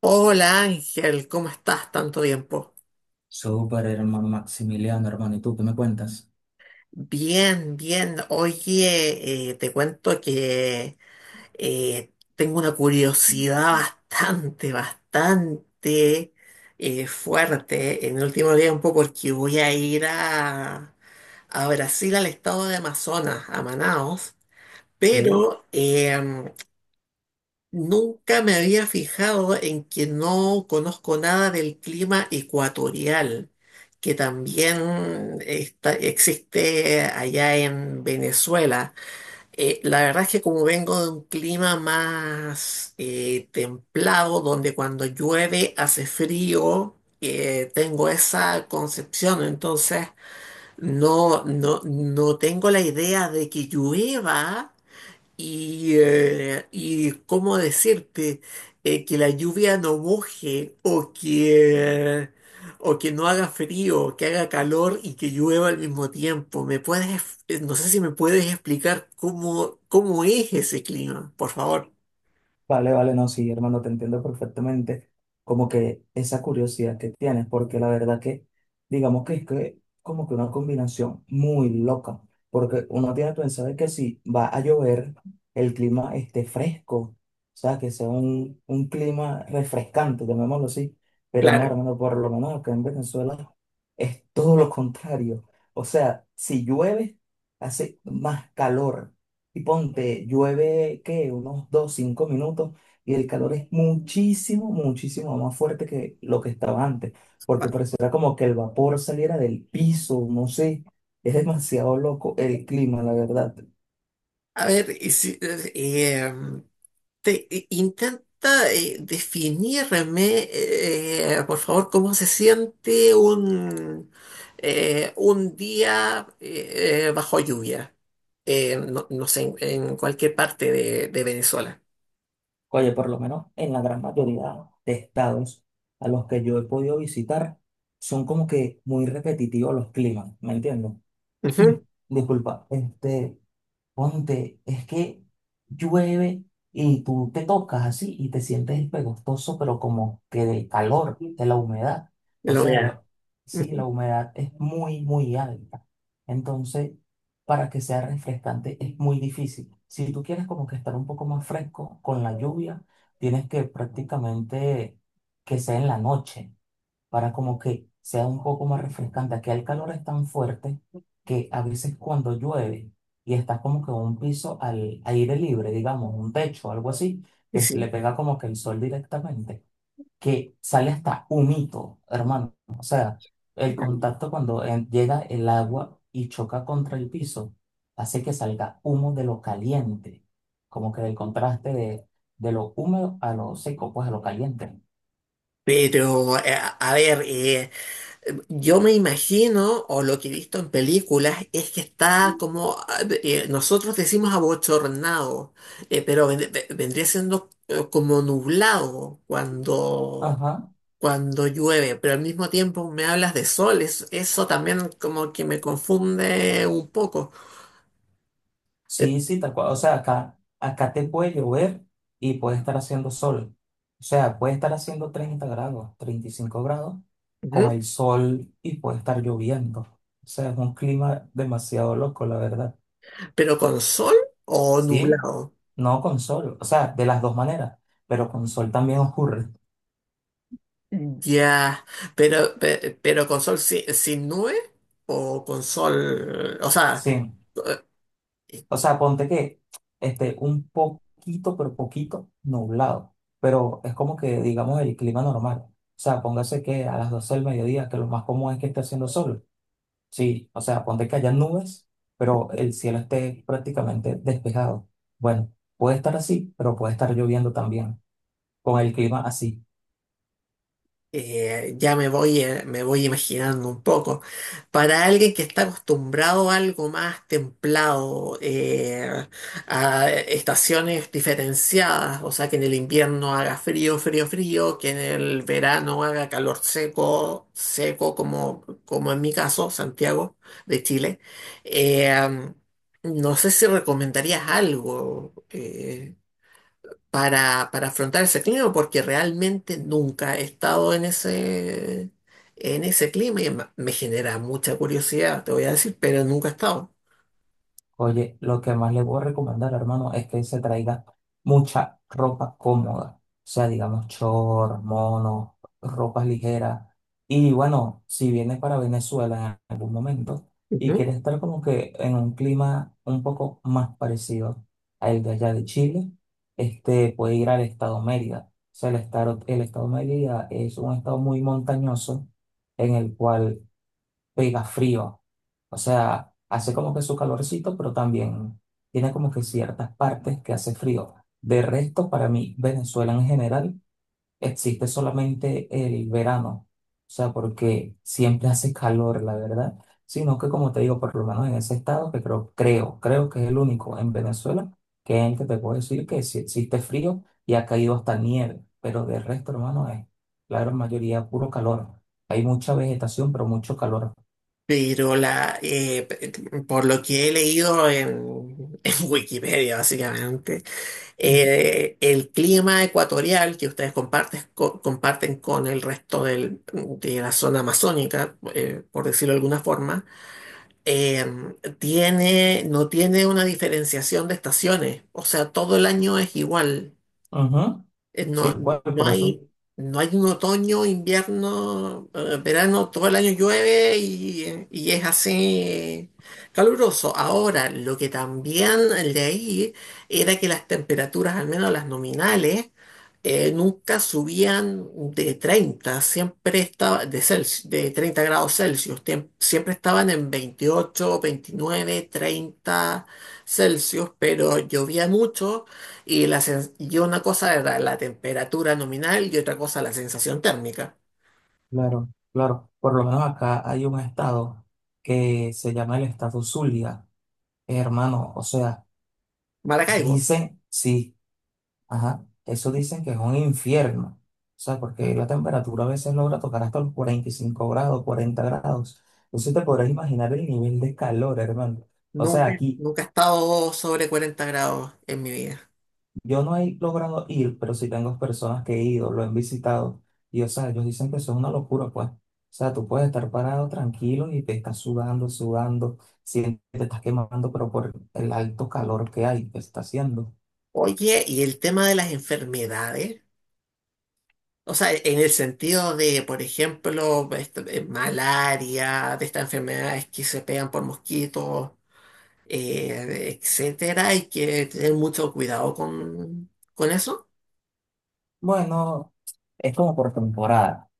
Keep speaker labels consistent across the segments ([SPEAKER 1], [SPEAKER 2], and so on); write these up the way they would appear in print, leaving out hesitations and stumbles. [SPEAKER 1] Hola Ángel, ¿cómo estás? Tanto tiempo.
[SPEAKER 2] Súper, hermano Maximiliano, hermano, ¿y tú qué me cuentas?
[SPEAKER 1] Bien, bien. Oye, te cuento que tengo una curiosidad bastante fuerte en el último tiempo porque voy a ir a Brasil, al estado de Amazonas, a Manaos,
[SPEAKER 2] Ok.
[SPEAKER 1] pero nunca me había fijado en que no conozco nada del clima ecuatorial, que también existe allá en Venezuela. La verdad es que como vengo de un clima más templado, donde cuando llueve hace frío, tengo esa concepción, entonces no tengo la idea de que llueva y cómo decirte que la lluvia no moje, o que no haga frío, que haga calor y que llueva al mismo tiempo. ¿Me puedes, no sé si me puedes explicar cómo es ese clima, por favor?
[SPEAKER 2] Vale, vale, no, sí, hermano, te entiendo perfectamente. Como que esa curiosidad que tienes, porque la verdad que, digamos que es que como que una combinación muy loca, porque uno tiene pensado que si va a llover, el clima esté fresco, o sea, que sea un clima refrescante, llamémoslo así, pero no,
[SPEAKER 1] Claro.
[SPEAKER 2] hermano, por lo menos acá en Venezuela es todo lo contrario. O sea, si llueve, hace más calor. Y ponte, llueve, ¿qué? Unos 2 5 minutos y el calor es muchísimo, muchísimo más fuerte que lo que estaba antes, porque
[SPEAKER 1] Vale.
[SPEAKER 2] pareciera como que el vapor saliera del piso, no sé, es demasiado loco el clima, la verdad.
[SPEAKER 1] A ver, y intenta definirme, por favor, cómo se siente un día bajo lluvia. No, no sé, en cualquier parte de Venezuela.
[SPEAKER 2] Oye, por lo menos en la gran mayoría de estados a los que yo he podido visitar, son como que muy repetitivos los climas, ¿me entiendes?
[SPEAKER 1] Ujú,
[SPEAKER 2] Disculpa, este, ponte, es que llueve y tú te tocas así y te sientes pegostoso, pero como que de calor, de la humedad.
[SPEAKER 1] en
[SPEAKER 2] O
[SPEAKER 1] la
[SPEAKER 2] sea,
[SPEAKER 1] humedad.
[SPEAKER 2] sí, la
[SPEAKER 1] Ujú,
[SPEAKER 2] humedad es muy, muy alta. Entonces, para que sea refrescante es muy difícil. Si tú quieres como que estar un poco más fresco con la lluvia, tienes que prácticamente que sea en la noche para como que sea un poco más refrescante. Aquí el calor es tan fuerte que a veces cuando llueve y estás como que un piso al aire libre, digamos, un techo, algo así,
[SPEAKER 1] y
[SPEAKER 2] que
[SPEAKER 1] sí.
[SPEAKER 2] le pega como que el sol directamente, que sale hasta humito, hermano. O sea, el
[SPEAKER 1] Vale.
[SPEAKER 2] contacto cuando llega el agua y choca contra el piso, hace que salga humo de lo caliente, como que del contraste de lo húmedo a lo seco, pues a lo caliente.
[SPEAKER 1] Pero, a ver, yo me imagino, o lo que he visto en películas, es que está como, nosotros decimos abochornado, pero vendría siendo como nublado
[SPEAKER 2] Ajá.
[SPEAKER 1] cuando llueve, pero al mismo tiempo me hablas de sol, eso también como que me confunde un poco. Eh,
[SPEAKER 2] Sí, sí, tal cual. O sea, acá te puede llover y puede estar haciendo sol. O sea, puede estar haciendo 30 grados, 35 grados con
[SPEAKER 1] ujú,
[SPEAKER 2] el sol y puede estar lloviendo. O sea, es un clima demasiado loco, la verdad.
[SPEAKER 1] ¿Pero con sol o
[SPEAKER 2] ¿Sí?
[SPEAKER 1] nublado?
[SPEAKER 2] No con sol. O sea, de las dos maneras, pero con sol también ocurre.
[SPEAKER 1] Ya, pero, pero con sol sin nube o con sol, o sea...
[SPEAKER 2] Sí.
[SPEAKER 1] eh,
[SPEAKER 2] O sea, ponte que este, un poquito, pero poquito nublado. Pero es como que, digamos, el clima normal. O sea, póngase que a las 12 del mediodía, que lo más común es que esté haciendo sol. Sí, o sea, ponte que haya nubes, pero el cielo esté prácticamente despejado. Bueno, puede estar así, pero puede estar lloviendo también, con el clima así.
[SPEAKER 1] ya me voy imaginando un poco. Para alguien que está acostumbrado a algo más templado, a estaciones diferenciadas, o sea, que en el invierno haga frío, frío, frío, que en el verano haga calor seco, seco, como en mi caso, Santiago de Chile, eh, no sé si recomendarías algo. Para afrontar ese clima, porque realmente nunca he estado en en ese clima y me genera mucha curiosidad, te voy a decir, pero nunca he estado.
[SPEAKER 2] Oye, lo que más le puedo recomendar, hermano, es que se traiga mucha ropa cómoda. O sea, digamos, short, mono, ropas ligeras. Y bueno, si vienes para Venezuela en algún momento y
[SPEAKER 1] Ujú.
[SPEAKER 2] quieres estar como que en un clima un poco más parecido al de allá de Chile, este puede ir al estado Mérida. O sea, el estado Mérida es un estado muy montañoso en el cual pega frío. O sea, hace como que su calorcito, pero también tiene como que ciertas partes que hace frío. De resto, para mí, Venezuela en general, existe solamente el verano. O sea, porque siempre hace calor, la verdad. Sino que, como te digo, por lo menos en ese estado, que creo, creo, creo que es el único en Venezuela, que es el que te puedo decir que sí existe frío y ha caído hasta nieve. Pero de resto, hermano, es la gran mayoría puro calor. Hay mucha vegetación, pero mucho calor.
[SPEAKER 1] Pero por lo que he leído en, en Wikipedia, básicamente, el clima ecuatorial que ustedes comparten, comparten con el resto de la zona amazónica, por decirlo de alguna forma, no tiene una diferenciación de estaciones, o sea, todo el año es igual.
[SPEAKER 2] Ujú, sí,
[SPEAKER 1] No,
[SPEAKER 2] tal cual,
[SPEAKER 1] no
[SPEAKER 2] por eso,
[SPEAKER 1] hay, no hay un otoño, invierno, verano, todo el año llueve y es así caluroso. Ahora, lo que también leí era que las temperaturas, al menos las nominales, nunca subían de 30, siempre estaba de Celsius, de 30 grados Celsius, siempre estaban en 28, 29, 30 Celsius, pero llovía mucho y, y una cosa era la temperatura nominal y otra cosa la sensación térmica.
[SPEAKER 2] claro, claro. Por lo menos acá hay un estado que se llama el estado Zulia, hermano. O sea,
[SPEAKER 1] Maracaibo,
[SPEAKER 2] dicen, sí, ajá, eso dicen que es un infierno. O sea, porque la temperatura a veces logra tocar hasta los 45 grados, 40 grados. Entonces te podrás imaginar el nivel de calor, hermano. O sea, aquí
[SPEAKER 1] nunca he estado sobre 40 grados en mi vida.
[SPEAKER 2] yo no he logrado ir, pero sí tengo personas que he ido, lo han visitado, y o sea, ellos dicen que eso es una locura, pues. O sea, tú puedes estar parado tranquilo y te estás sudando, sudando, sientes que te estás quemando, pero por el alto calor que hay, que está haciendo.
[SPEAKER 1] Oye, y el tema de las enfermedades, o sea, en el sentido de, por ejemplo, malaria, de estas enfermedades que se pegan por mosquitos, etcétera, hay que tener mucho cuidado con eso.
[SPEAKER 2] Bueno, es como por temporada.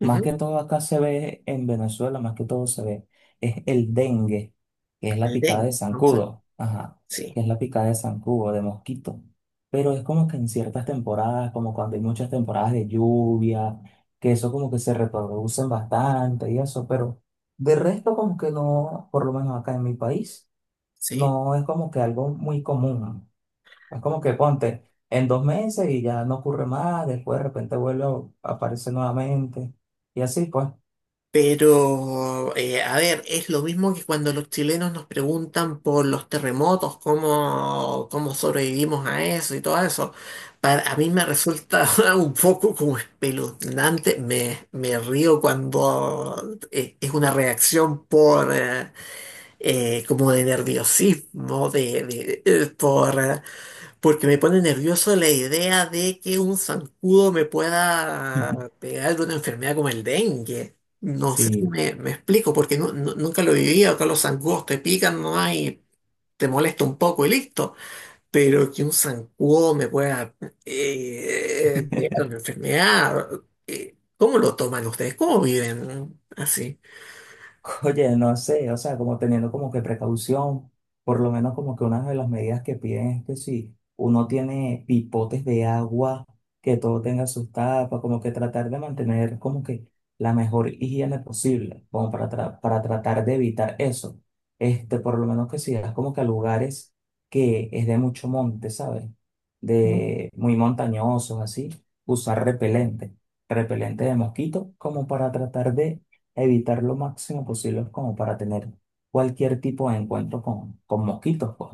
[SPEAKER 2] Más que
[SPEAKER 1] Ujú.
[SPEAKER 2] todo acá se ve en Venezuela, más que todo se ve, es el dengue, que es la
[SPEAKER 1] El
[SPEAKER 2] picada
[SPEAKER 1] dengue,
[SPEAKER 2] de
[SPEAKER 1] entonces,
[SPEAKER 2] zancudo, ajá,
[SPEAKER 1] sí,
[SPEAKER 2] que es la picada de zancudo, de mosquito. Pero es como que en ciertas temporadas, como cuando hay muchas temporadas de lluvia, que eso como que se reproducen bastante y eso, pero de resto como que no, por lo menos acá en mi país,
[SPEAKER 1] sí.
[SPEAKER 2] no es como que algo muy común. Es como que ponte en 2 meses y ya no ocurre más, después de repente vuelve a aparecer nuevamente. Y así, pues.
[SPEAKER 1] Pero, a ver, es lo mismo que cuando los chilenos nos preguntan por los terremotos, cómo sobrevivimos a eso y todo eso. A mí me resulta un poco como espeluznante, me río cuando es una reacción como de nerviosismo, porque me pone nervioso la idea de que un zancudo me pueda pegar de una enfermedad como el dengue. No sé si
[SPEAKER 2] Sí.
[SPEAKER 1] me explico, porque nunca lo viví. Acá los zancudos te pican nomás y te molesta un poco y listo. Pero que un zancudo me pueda pegar una enfermedad, ¿cómo lo toman ustedes? ¿Cómo viven así?
[SPEAKER 2] Oye, no sé, o sea, como teniendo como que precaución, por lo menos como que una de las medidas que piden es que si uno tiene pipotes de agua, que todo tenga sus tapas, como que tratar de mantener como que la mejor higiene posible, como para, para tratar de evitar eso. Este, por lo menos que si vas como que a lugares que es de mucho monte, ¿sabes? De muy montañosos, así, usar repelente repelente de mosquito como para tratar de evitar lo máximo posible como para tener cualquier tipo de encuentro con mosquitos, pues.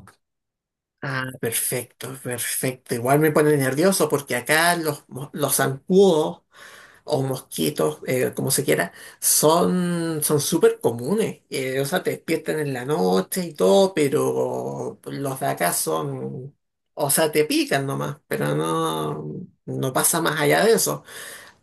[SPEAKER 1] Ah, perfecto, perfecto. Igual me pone nervioso porque acá los zancudos. O mosquitos, como se quiera, son súper comunes. O sea, te despiertan en la noche y todo, pero los de acá son, o sea, te pican nomás, pero no pasa más allá de eso.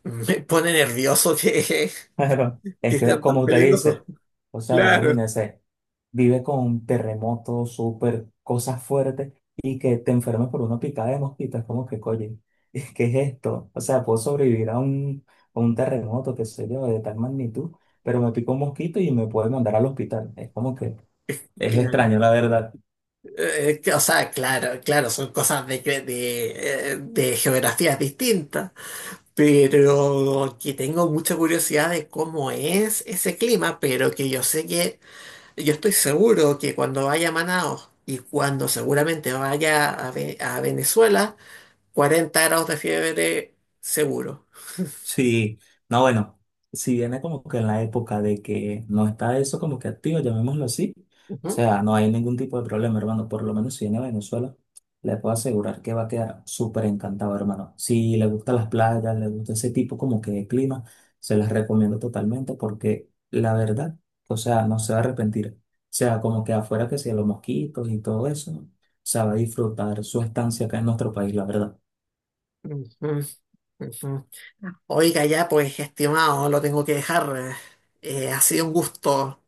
[SPEAKER 1] Me pone nervioso que,
[SPEAKER 2] Pero es
[SPEAKER 1] que
[SPEAKER 2] que,
[SPEAKER 1] sean
[SPEAKER 2] como
[SPEAKER 1] tan
[SPEAKER 2] usted
[SPEAKER 1] peligrosos.
[SPEAKER 2] dice, o sea,
[SPEAKER 1] Claro,
[SPEAKER 2] imagínese, vive con terremotos, súper, cosas fuertes y que te enfermes por una picada de mosquitos, es como que, oye, ¿qué es esto? O sea, puedo sobrevivir a un terremoto, qué sé yo, de tal magnitud, pero me pico un mosquito y me puede mandar al hospital. Es como que es
[SPEAKER 1] claro.
[SPEAKER 2] extraño, la verdad.
[SPEAKER 1] O sea, claro, claro, son cosas de geografías distintas. Pero que tengo mucha curiosidad de cómo es ese clima, pero que yo sé que, yo estoy seguro que cuando vaya a Manaos y cuando seguramente vaya a Venezuela, 40 grados de fiebre seguro.
[SPEAKER 2] Sí, no, bueno, si viene como que en la época de que no está eso como que activo, llamémoslo así, o
[SPEAKER 1] Ujú,
[SPEAKER 2] sea, no hay ningún tipo de problema, hermano, por lo menos si viene a Venezuela, le puedo asegurar que va a quedar súper encantado, hermano. Si le gustan las playas, le gusta ese tipo como que de clima, se las recomiendo totalmente porque la verdad, o sea, no se va a arrepentir. O sea, como que afuera que sea los mosquitos y todo eso, o sea, va a disfrutar su estancia acá en nuestro país, la verdad.
[SPEAKER 1] ujú, ujú. Oiga, ya pues, estimado, lo tengo que dejar. Ha sido un gusto.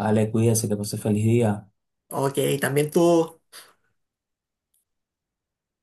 [SPEAKER 2] Vale, cuídese, que pase feliz día.
[SPEAKER 1] Ok, también tú.